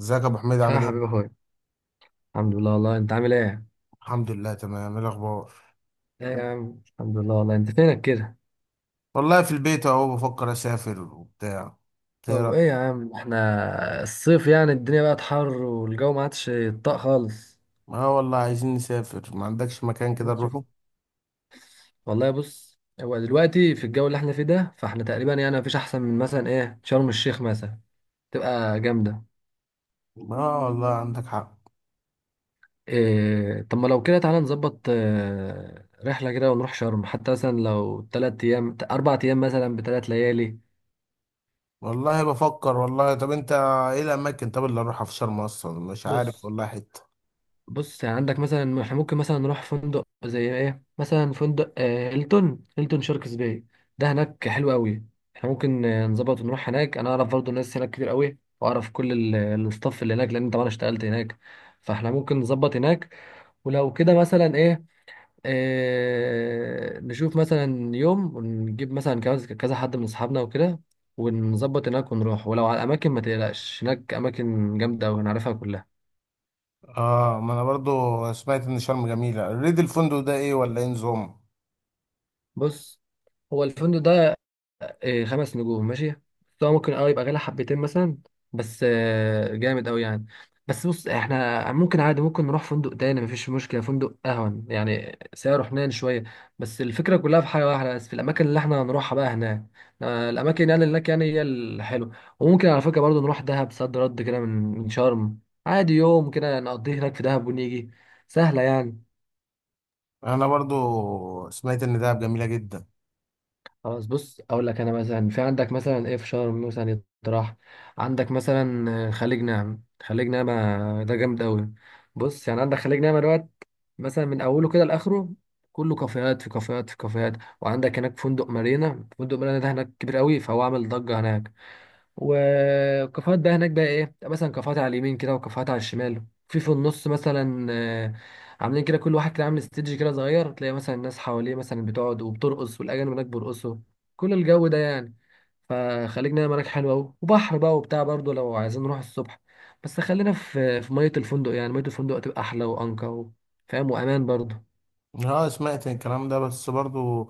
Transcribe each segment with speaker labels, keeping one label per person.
Speaker 1: ازيك يا ابو حميد،
Speaker 2: يا
Speaker 1: عامل ايه؟
Speaker 2: حبيبي اخويا الحمد لله والله انت عامل ايه؟
Speaker 1: الحمد لله تمام، ايه الاخبار؟
Speaker 2: ايه يا عم الحمد لله والله انت فينك كده؟
Speaker 1: والله في البيت اهو، بفكر اسافر وبتاع. إيه
Speaker 2: طب
Speaker 1: رأيك؟
Speaker 2: ايه يا عم احنا الصيف يعني الدنيا بقت حر والجو ما عادش يطاق خالص
Speaker 1: اه والله، عايزين نسافر. ما عندكش مكان
Speaker 2: ما
Speaker 1: كده
Speaker 2: تشوف.
Speaker 1: نروحه؟
Speaker 2: والله بص هو دلوقتي في الجو اللي احنا فيه ده فاحنا تقريبا يعني مفيش احسن من مثلا ايه شرم الشيخ مثلا تبقى جامدة.
Speaker 1: اه والله عندك حق.
Speaker 2: إيه طب ما لو كده تعالى نظبط رحلة كده ونروح شرم حتى مثلا لو تلات ايام اربع ايام مثلا بتلات ليالي.
Speaker 1: والله بفكر والله. طب انت، ايه الاماكن طب اللي اروحها في شرم اصلا؟ مش عارف
Speaker 2: بص
Speaker 1: والله حته.
Speaker 2: بص يعني عندك مثلا احنا ممكن مثلا نروح فندق زي ايه مثلا فندق هيلتون هيلتون شاركس باي ده هناك حلو قوي. احنا ممكن نظبط ونروح هناك انا اعرف برضو ناس هناك كتير قوي واعرف كل ال- الستاف اللي هناك لان طبعا اشتغلت هناك فاحنا ممكن نظبط هناك. ولو كده مثلا ايه نشوف مثلا يوم ونجيب مثلا كذا كذا حد من اصحابنا وكده ونظبط هناك ونروح، ولو على الاماكن ما تقلقش هناك اماكن جامده ونعرفها كلها.
Speaker 1: اه، ما انا برضو سمعت ان شرم جميله. ريد الفندق ده، ايه ولا ايه نظام؟
Speaker 2: بص هو الفندق ده خمس نجوم ماشي، فهو ممكن اه يبقى غالي حبتين مثلا بس جامد قوي يعني. بس بص احنا ممكن عادي ممكن نروح فندق تاني مفيش مشكلة فندق اهون يعني سعره حنين شوية. بس الفكرة كلها في حاجة واحدة بس في الأماكن اللي احنا هنروحها بقى هناك، الأماكن يعني هناك يعني هي الحلوة. وممكن على فكرة برضه نروح دهب صد رد كده من من شرم عادي يوم كده نقضيه هناك في دهب ونيجي سهلة يعني.
Speaker 1: انا برضو سمعت ان دهب جميله جدا.
Speaker 2: خلاص بص اقول لك انا مثلا في عندك مثلا ايه في شرم مثلا يطرح عندك مثلا خليج نعمة خليج نعمة ده جامد قوي. بص يعني عندك خليج نعمة دوت مثلا من اوله كده لاخره كله كافيهات في كافيهات في كافيهات. وعندك هناك فندق مارينا فندق مارينا ده هناك كبير قوي فهو عامل ضجة هناك. والكافيهات بقى هناك بقى ايه مثلا كافيهات على اليمين كده وكافيهات على الشمال في النص مثلا عاملين كده، كل واحد كده عامل استيدج كده صغير، تلاقي مثلا الناس حواليه مثلا بتقعد وبترقص والاجانب هناك بيرقصوا كل الجو ده يعني. فخليج نعمة هناك حلو قوي، وبحر بقى وبتاع برضه لو عايزين نروح الصبح بس خلينا في مية الفندق، يعني مية الفندق هتبقى احلى وانقى فاهم وامان برضه.
Speaker 1: اه سمعت الكلام ده، بس برضو،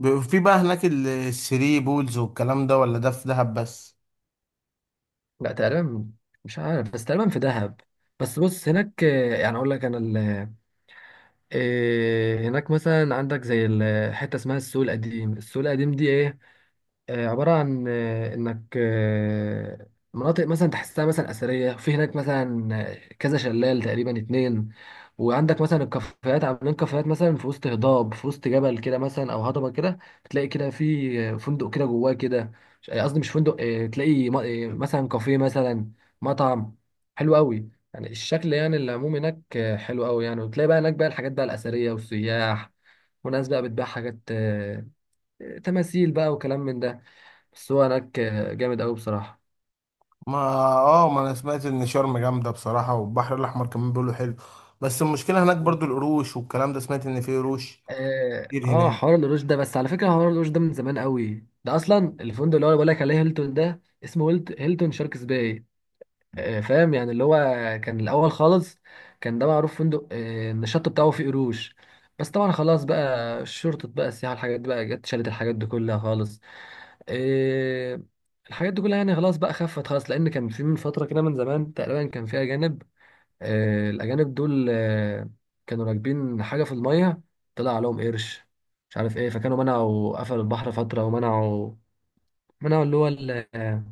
Speaker 1: في بقى هناك الثري بولز والكلام ده، ولا ده في دهب بس؟
Speaker 2: لا تقريبا مش عارف بس تقريبا في دهب. بس بص هناك يعني اقول لك انا إيه، هناك مثلا عندك زي حته اسمها السوق القديم. السوق القديم دي ايه عبارة عن إنك مناطق مثلا تحسها مثلا أثرية، في هناك مثلا كذا شلال تقريبا اتنين. وعندك مثلا الكافيهات عاملين كافيهات مثلا في وسط هضاب في وسط جبل كده مثلا أو هضبة كده، تلاقي كده في فندق كده جواه كده قصدي مش فندق تلاقي مثلا كافيه مثلا مطعم حلو قوي. يعني الشكل يعني العموم هناك حلو قوي يعني، وتلاقي بقى هناك بقى الحاجات بقى الأثرية والسياح وناس بقى بتبيع حاجات تماثيل بقى وكلام من ده. بس هو هناك جامد قوي بصراحه.
Speaker 1: ما اه ما انا سمعت ان شرم جامده بصراحه، والبحر الاحمر كمان بيقولوا حلو. بس المشكله هناك
Speaker 2: مم.
Speaker 1: برضو القروش والكلام ده، سمعت ان في قروش
Speaker 2: اه
Speaker 1: كتير هناك.
Speaker 2: حوار القروش ده بس على فكره حوار القروش ده من زمان قوي، ده اصلا الفندق اللي هو بقول لك عليه هيلتون ده اسمه هيلتون شاركس باي. فاهم يعني اللي هو كان الاول خالص كان ده معروف فندق ان الشط بتاعه فيه قروش. بس طبعا خلاص بقى شرطة بقى السياحة الحاجات دي بقى جت شالت الحاجات دي كلها خالص، آه، الحاجات دي كلها يعني خلاص بقى خفت خالص. لأن كان في من فترة كده من زمان تقريبا كان في أجانب الأجانب دول كانوا راكبين حاجة في المية طلع عليهم قرش مش عارف ايه، فكانوا منعوا قفلوا البحر فترة ومنعوا منعوا اللي هو ال- آه،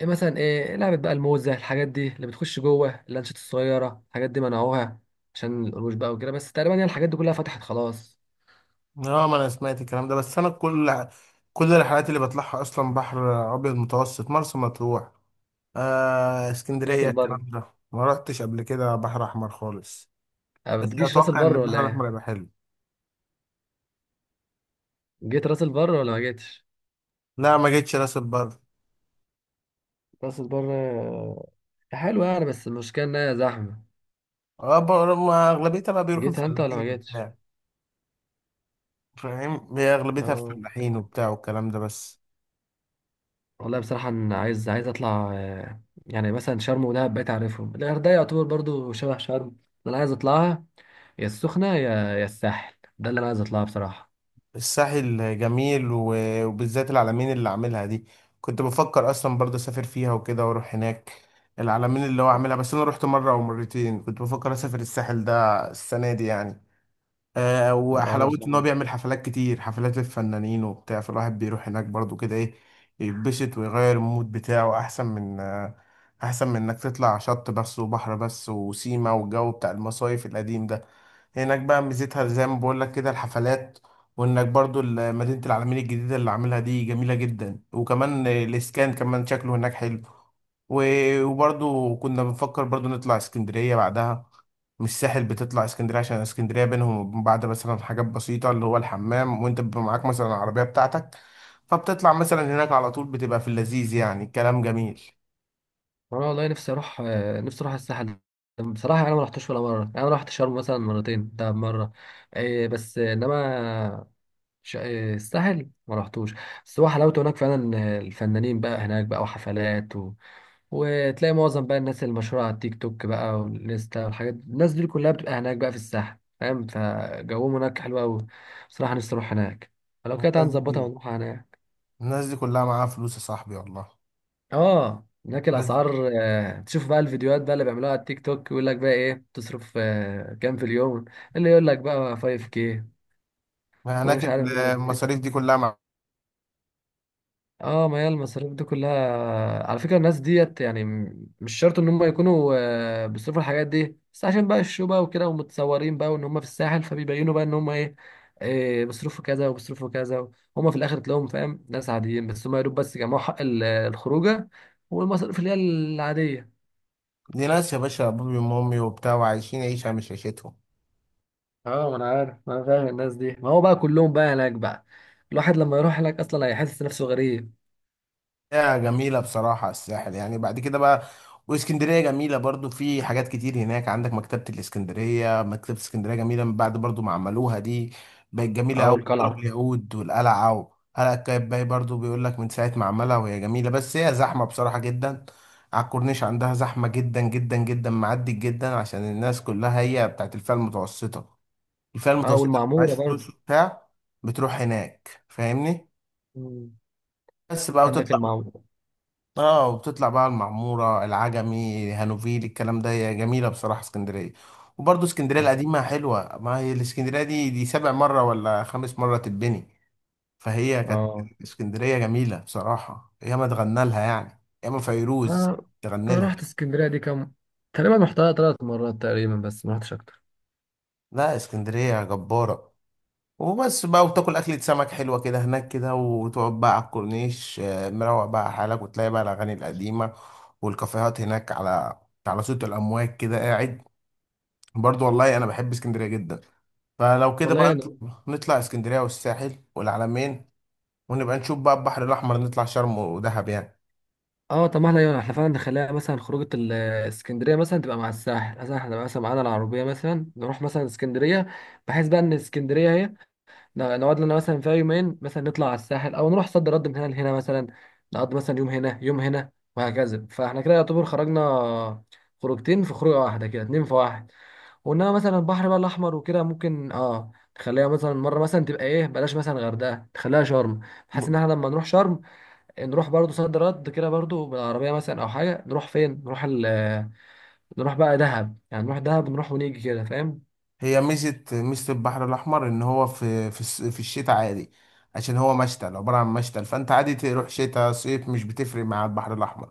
Speaker 2: ايه مثلا ايه لعبة بقى الموزة الحاجات دي اللي بتخش جوه اللانشات الصغيرة الحاجات دي منعوها عشان القروش بقى وكده، بس تقريبا يعني الحاجات دي كلها فتحت خلاص.
Speaker 1: اه ما انا سمعت الكلام ده، بس انا كل الرحلات اللي بطلعها اصلا بحر ابيض متوسط، مرسى مطروح،
Speaker 2: راس
Speaker 1: اسكندريه،
Speaker 2: البر
Speaker 1: الكلام ده. ما رحتش قبل كده بحر احمر خالص. بس
Speaker 2: بتجيش راس
Speaker 1: اتوقع ان
Speaker 2: البر ولا
Speaker 1: البحر الاحمر
Speaker 2: ايه؟
Speaker 1: يبقى حلو.
Speaker 2: جيت راس البر ولا ما جيتش؟
Speaker 1: لا ما جيتش راس البر.
Speaker 2: راس البر حلوة يعني بس المشكلة انها زحمة.
Speaker 1: اه، ما اغلبيتها بقى بيروحوا
Speaker 2: جيتها انت ولا ما
Speaker 1: الفلاحين
Speaker 2: جيتش؟
Speaker 1: وبتاع. فاهم، هي اغلبيتها
Speaker 2: اه
Speaker 1: الفلاحين وبتاع والكلام ده بس.
Speaker 2: والله بصراحة أنا عايز أطلع يعني مثلا شرم ودهب بقيت أعرفهم، الغردقة يعتبر برضو شبه شرم. أنا عايز أطلعها، يا السخنة يا الساحل، ده اللي أنا عايز أطلعها بصراحة.
Speaker 1: الساحل جميل، وبالذات العلمين اللي عاملها دي. كنت بفكر اصلا برضه اسافر فيها وكده، واروح هناك العلمين اللي هو عاملها، بس انا رحت مره او مرتين. كنت بفكر اسافر الساحل ده السنه دي يعني.
Speaker 2: أو أنا
Speaker 1: وحلاوته ان هو
Speaker 2: بصراحة
Speaker 1: بيعمل حفلات كتير، حفلات الفنانين وبتاع، فالواحد بيروح هناك برضو كده، ايه، يتبسط ويغير المود بتاعه، احسن من، احسن من انك تطلع شط بس وبحر بس وسيما والجو بتاع المصايف القديم ده. هناك بقى ميزتها زي ما بقول لك كده الحفلات، وانك برضو مدينة العلمين الجديدة اللي عاملها دي جميلة جدا، وكمان الاسكان كمان شكله هناك حلو. وبرضو كنا بنفكر برضو نطلع اسكندرية بعدها. مش ساحل، بتطلع اسكندريه عشان اسكندريه بينهم وبين بعض مثلا حاجات بسيطه، اللي هو الحمام، وانت بيبقى معاك مثلا العربيه بتاعتك. فبتطلع مثلا هناك على طول، بتبقى في اللذيذ، يعني الكلام جميل.
Speaker 2: أنا والله نفسي أروح نفسي أروح الساحل. بصراحة أنا ما رحتش ولا مرة، يعني أنا رحت شرم مثلا مرتين دهب مرة إيه، بس إنما الساحل ما رحتوش. بس هو حلاوته هناك فعلا الفنانين بقى هناك بقى وحفلات، وتلاقي معظم بقى الناس المشهورة على التيك توك بقى والانستا والحاجات دي. الناس دي كلها بتبقى هناك بقى في الساحل فاهم، فجوهم هناك حلو أوي بصراحة. نفسي أروح هناك، لو كده تعالى
Speaker 1: الناس
Speaker 2: نظبطها
Speaker 1: دي
Speaker 2: ونروح هناك.
Speaker 1: الناس دي كلها معاها فلوس يا صاحبي والله.
Speaker 2: اه هناك
Speaker 1: الناس دي-
Speaker 2: الأسعار تشوف بقى الفيديوهات بقى اللي بيعملوها على التيك توك يقول لك بقى إيه تصرف كام في اليوم، اللي يقول لك بقى 5K
Speaker 1: هناك
Speaker 2: ومش عارف اللي
Speaker 1: المصاريف دي كلها.
Speaker 2: اه. ما هي المصاريف دي كلها على فكرة الناس ديت يعني مش شرط ان هم يكونوا بيصرفوا الحاجات دي، بس عشان بقى الشو بقى وكده ومتصورين بقى وان هم في الساحل فبيبينوا بقى ان هم ايه، إيه بيصرفوا كذا وبيصرفوا كذا. هم في الاخر تلاقيهم فاهم ناس عاديين بس هم يا دوب بس جمعوا حق الخروجه والمصاريف اللي هي العاديه.
Speaker 1: دي ناس يا باشا ابوي وامي وبتاع، وعايشين عيشه مش عيشتهم.
Speaker 2: اه ما انا عارف ما انا فاهم الناس دي، ما هو بقى كلهم بقى هناك بقى الواحد لما يروح هناك اصلا هيحس نفسه غريب.
Speaker 1: يا جميلة بصراحة الساحل، يعني بعد كده بقى. واسكندرية جميلة برضو، في حاجات كتير هناك. عندك مكتبة الاسكندرية، مكتبة اسكندرية جميلة من بعد برضو ما عملوها دي، بقت جميلة
Speaker 2: اه
Speaker 1: أوي. وتراب
Speaker 2: والقلعه.
Speaker 1: اليهود والقلعة، وقلعة قايتباي برضو بيقول لك من ساعة ما عملها وهي جميلة، بس هي زحمة بصراحة جدا. على الكورنيش عندها زحمة جدا جدا جدا، معدي جدا عشان الناس كلها هي بتاعت الفئة المتوسطة، الفئة
Speaker 2: اه
Speaker 1: المتوسطة اللي معهاش
Speaker 2: والمعموره برضه.
Speaker 1: فلوس وبتاع بتروح هناك، فاهمني؟
Speaker 2: مم.
Speaker 1: بس بقى،
Speaker 2: عندك
Speaker 1: وتطلع،
Speaker 2: المعموره.
Speaker 1: اه، وبتطلع بقى المعمورة، العجمي، هانوفيل، الكلام ده. هي جميلة بصراحة اسكندرية، وبرضه اسكندرية القديمة حلوة. ما هي الاسكندرية دي سابع مرة ولا خامس مرة تتبني، فهي كانت
Speaker 2: اه
Speaker 1: اسكندرية جميلة بصراحة. ياما اتغنى لها يعني، ياما فيروز
Speaker 2: انا
Speaker 1: تغني
Speaker 2: انا
Speaker 1: لها.
Speaker 2: رحت اسكندريه دي كام، تقريبا رحتها ثلاث مرات تقريبا بس ما رحتش اكتر.
Speaker 1: لا، اسكندرية جبارة. وبس بقى، وتاكل أكلة سمك حلوة كده هناك كده، وتقعد بقى على الكورنيش، مروق بقى على حالك، وتلاقي بقى الأغاني القديمة والكافيهات هناك على صوت الأمواج كده قاعد. برضو والله انا بحب اسكندريه جدا. فلو كده
Speaker 2: والله
Speaker 1: بقى
Speaker 2: يعني
Speaker 1: نطلع، نطلع اسكندريه والساحل والعلمين، ونبقى نشوف بقى البحر الاحمر، نطلع شرم ودهب يعني.
Speaker 2: اه طب ما احنا يعني احنا فعلا نخليها مثلا خروجه اسكندريه مثلا تبقى مع الساحل، مثلا احنا نبقى مثلا معانا العربيه مثلا نروح مثلا اسكندريه، بحيث بقى ان اسكندريه اهي نقعد لنا مثلا فيها يومين، مثلا نطلع على الساحل او نروح صد رد من هنا لهنا مثلا، نقضي مثلا يوم هنا يوم هنا وهكذا فاحنا كده يعتبر خرجنا خروجتين في خروجه واحده كده اتنين في واحد. وانما مثلا البحر بقى الاحمر وكده ممكن اه تخليها مثلا مره مثلا تبقى ايه بلاش مثلا غردقه تخليها شرم، بحيث ان احنا لما نروح شرم إيه، نروح برضو صد رد كده برضو بالعربيه مثلا او حاجه نروح فين، نروح ال نروح بقى دهب يعني نروح دهب نروح ونيجي كده فاهم.
Speaker 1: هي ميزة ميزة البحر الأحمر، إن هو في الشتاء عادي، عشان هو مشتل، عبارة عن مشتل. فأنت عادي تروح شتاء صيف، مش بتفرق مع البحر الأحمر.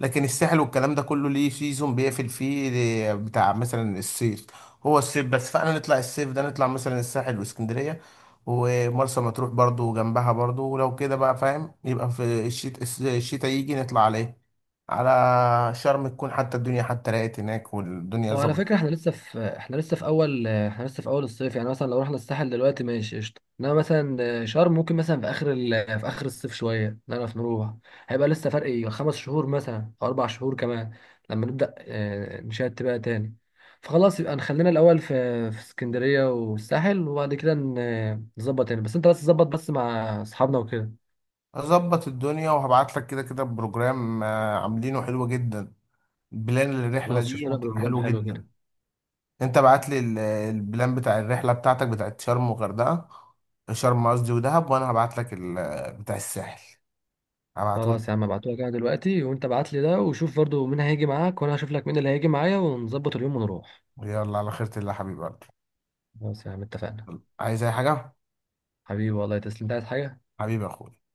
Speaker 1: لكن الساحل والكلام ده كله ليه سيزون بيقفل فيه، بتاع مثلا الصيف، هو الصيف بس. فأنا نطلع الصيف ده، نطلع مثلا الساحل واسكندرية، ومرسى مطروح برضو جنبها برضو. ولو كده بقى فاهم، يبقى في الشتاء، الشتاء يجي نطلع عليه على شرم، تكون حتى الدنيا حتى راقت هناك والدنيا
Speaker 2: وعلى
Speaker 1: ظبطت.
Speaker 2: فكرة احنا لسه في اول الصيف، يعني مثلا لو رحنا الساحل دلوقتي ماشي قشطة، انما مثلا شرم ممكن مثلا في اخر في اخر الصيف شوية نعرف نروح. هيبقى لسه فرق ايه خمس شهور مثلا او اربع شهور كمان لما نبدأ نشات بقى تاني. فخلاص يبقى نخلينا الاول في في اسكندرية والساحل، وبعد كده نظبط تاني بس انت بس ظبط بس مع اصحابنا وكده.
Speaker 1: اظبط الدنيا وهبعت لك كده كده بروجرام، عاملينه حلو جدا، بلان للرحله
Speaker 2: خلاص
Speaker 1: دي
Speaker 2: شفنا لنا
Speaker 1: هتبقى
Speaker 2: بروجرام
Speaker 1: حلو
Speaker 2: حلو كده.
Speaker 1: جدا. انت بعت لي البلان بتاع الرحله بتاعتك، بتاعت شرم وغردقه، شرم قصدي ودهب، وانا هبعت لك بتاع الساحل، هبعته لك.
Speaker 2: خلاص يا عم ابعتهولك انا دلوقتي، وانت ابعت لي ده وشوف برضو مين هيجي معاك وانا هشوف لك مين اللي هيجي معايا ونظبط اليوم ونروح.
Speaker 1: يلا على خيرة الله حبيبي قلبي.
Speaker 2: خلاص يا عم اتفقنا.
Speaker 1: عايز اي حاجه؟
Speaker 2: حبيبي والله تسلم، انت عايز حاجة؟
Speaker 1: حبيبي يا اخويا.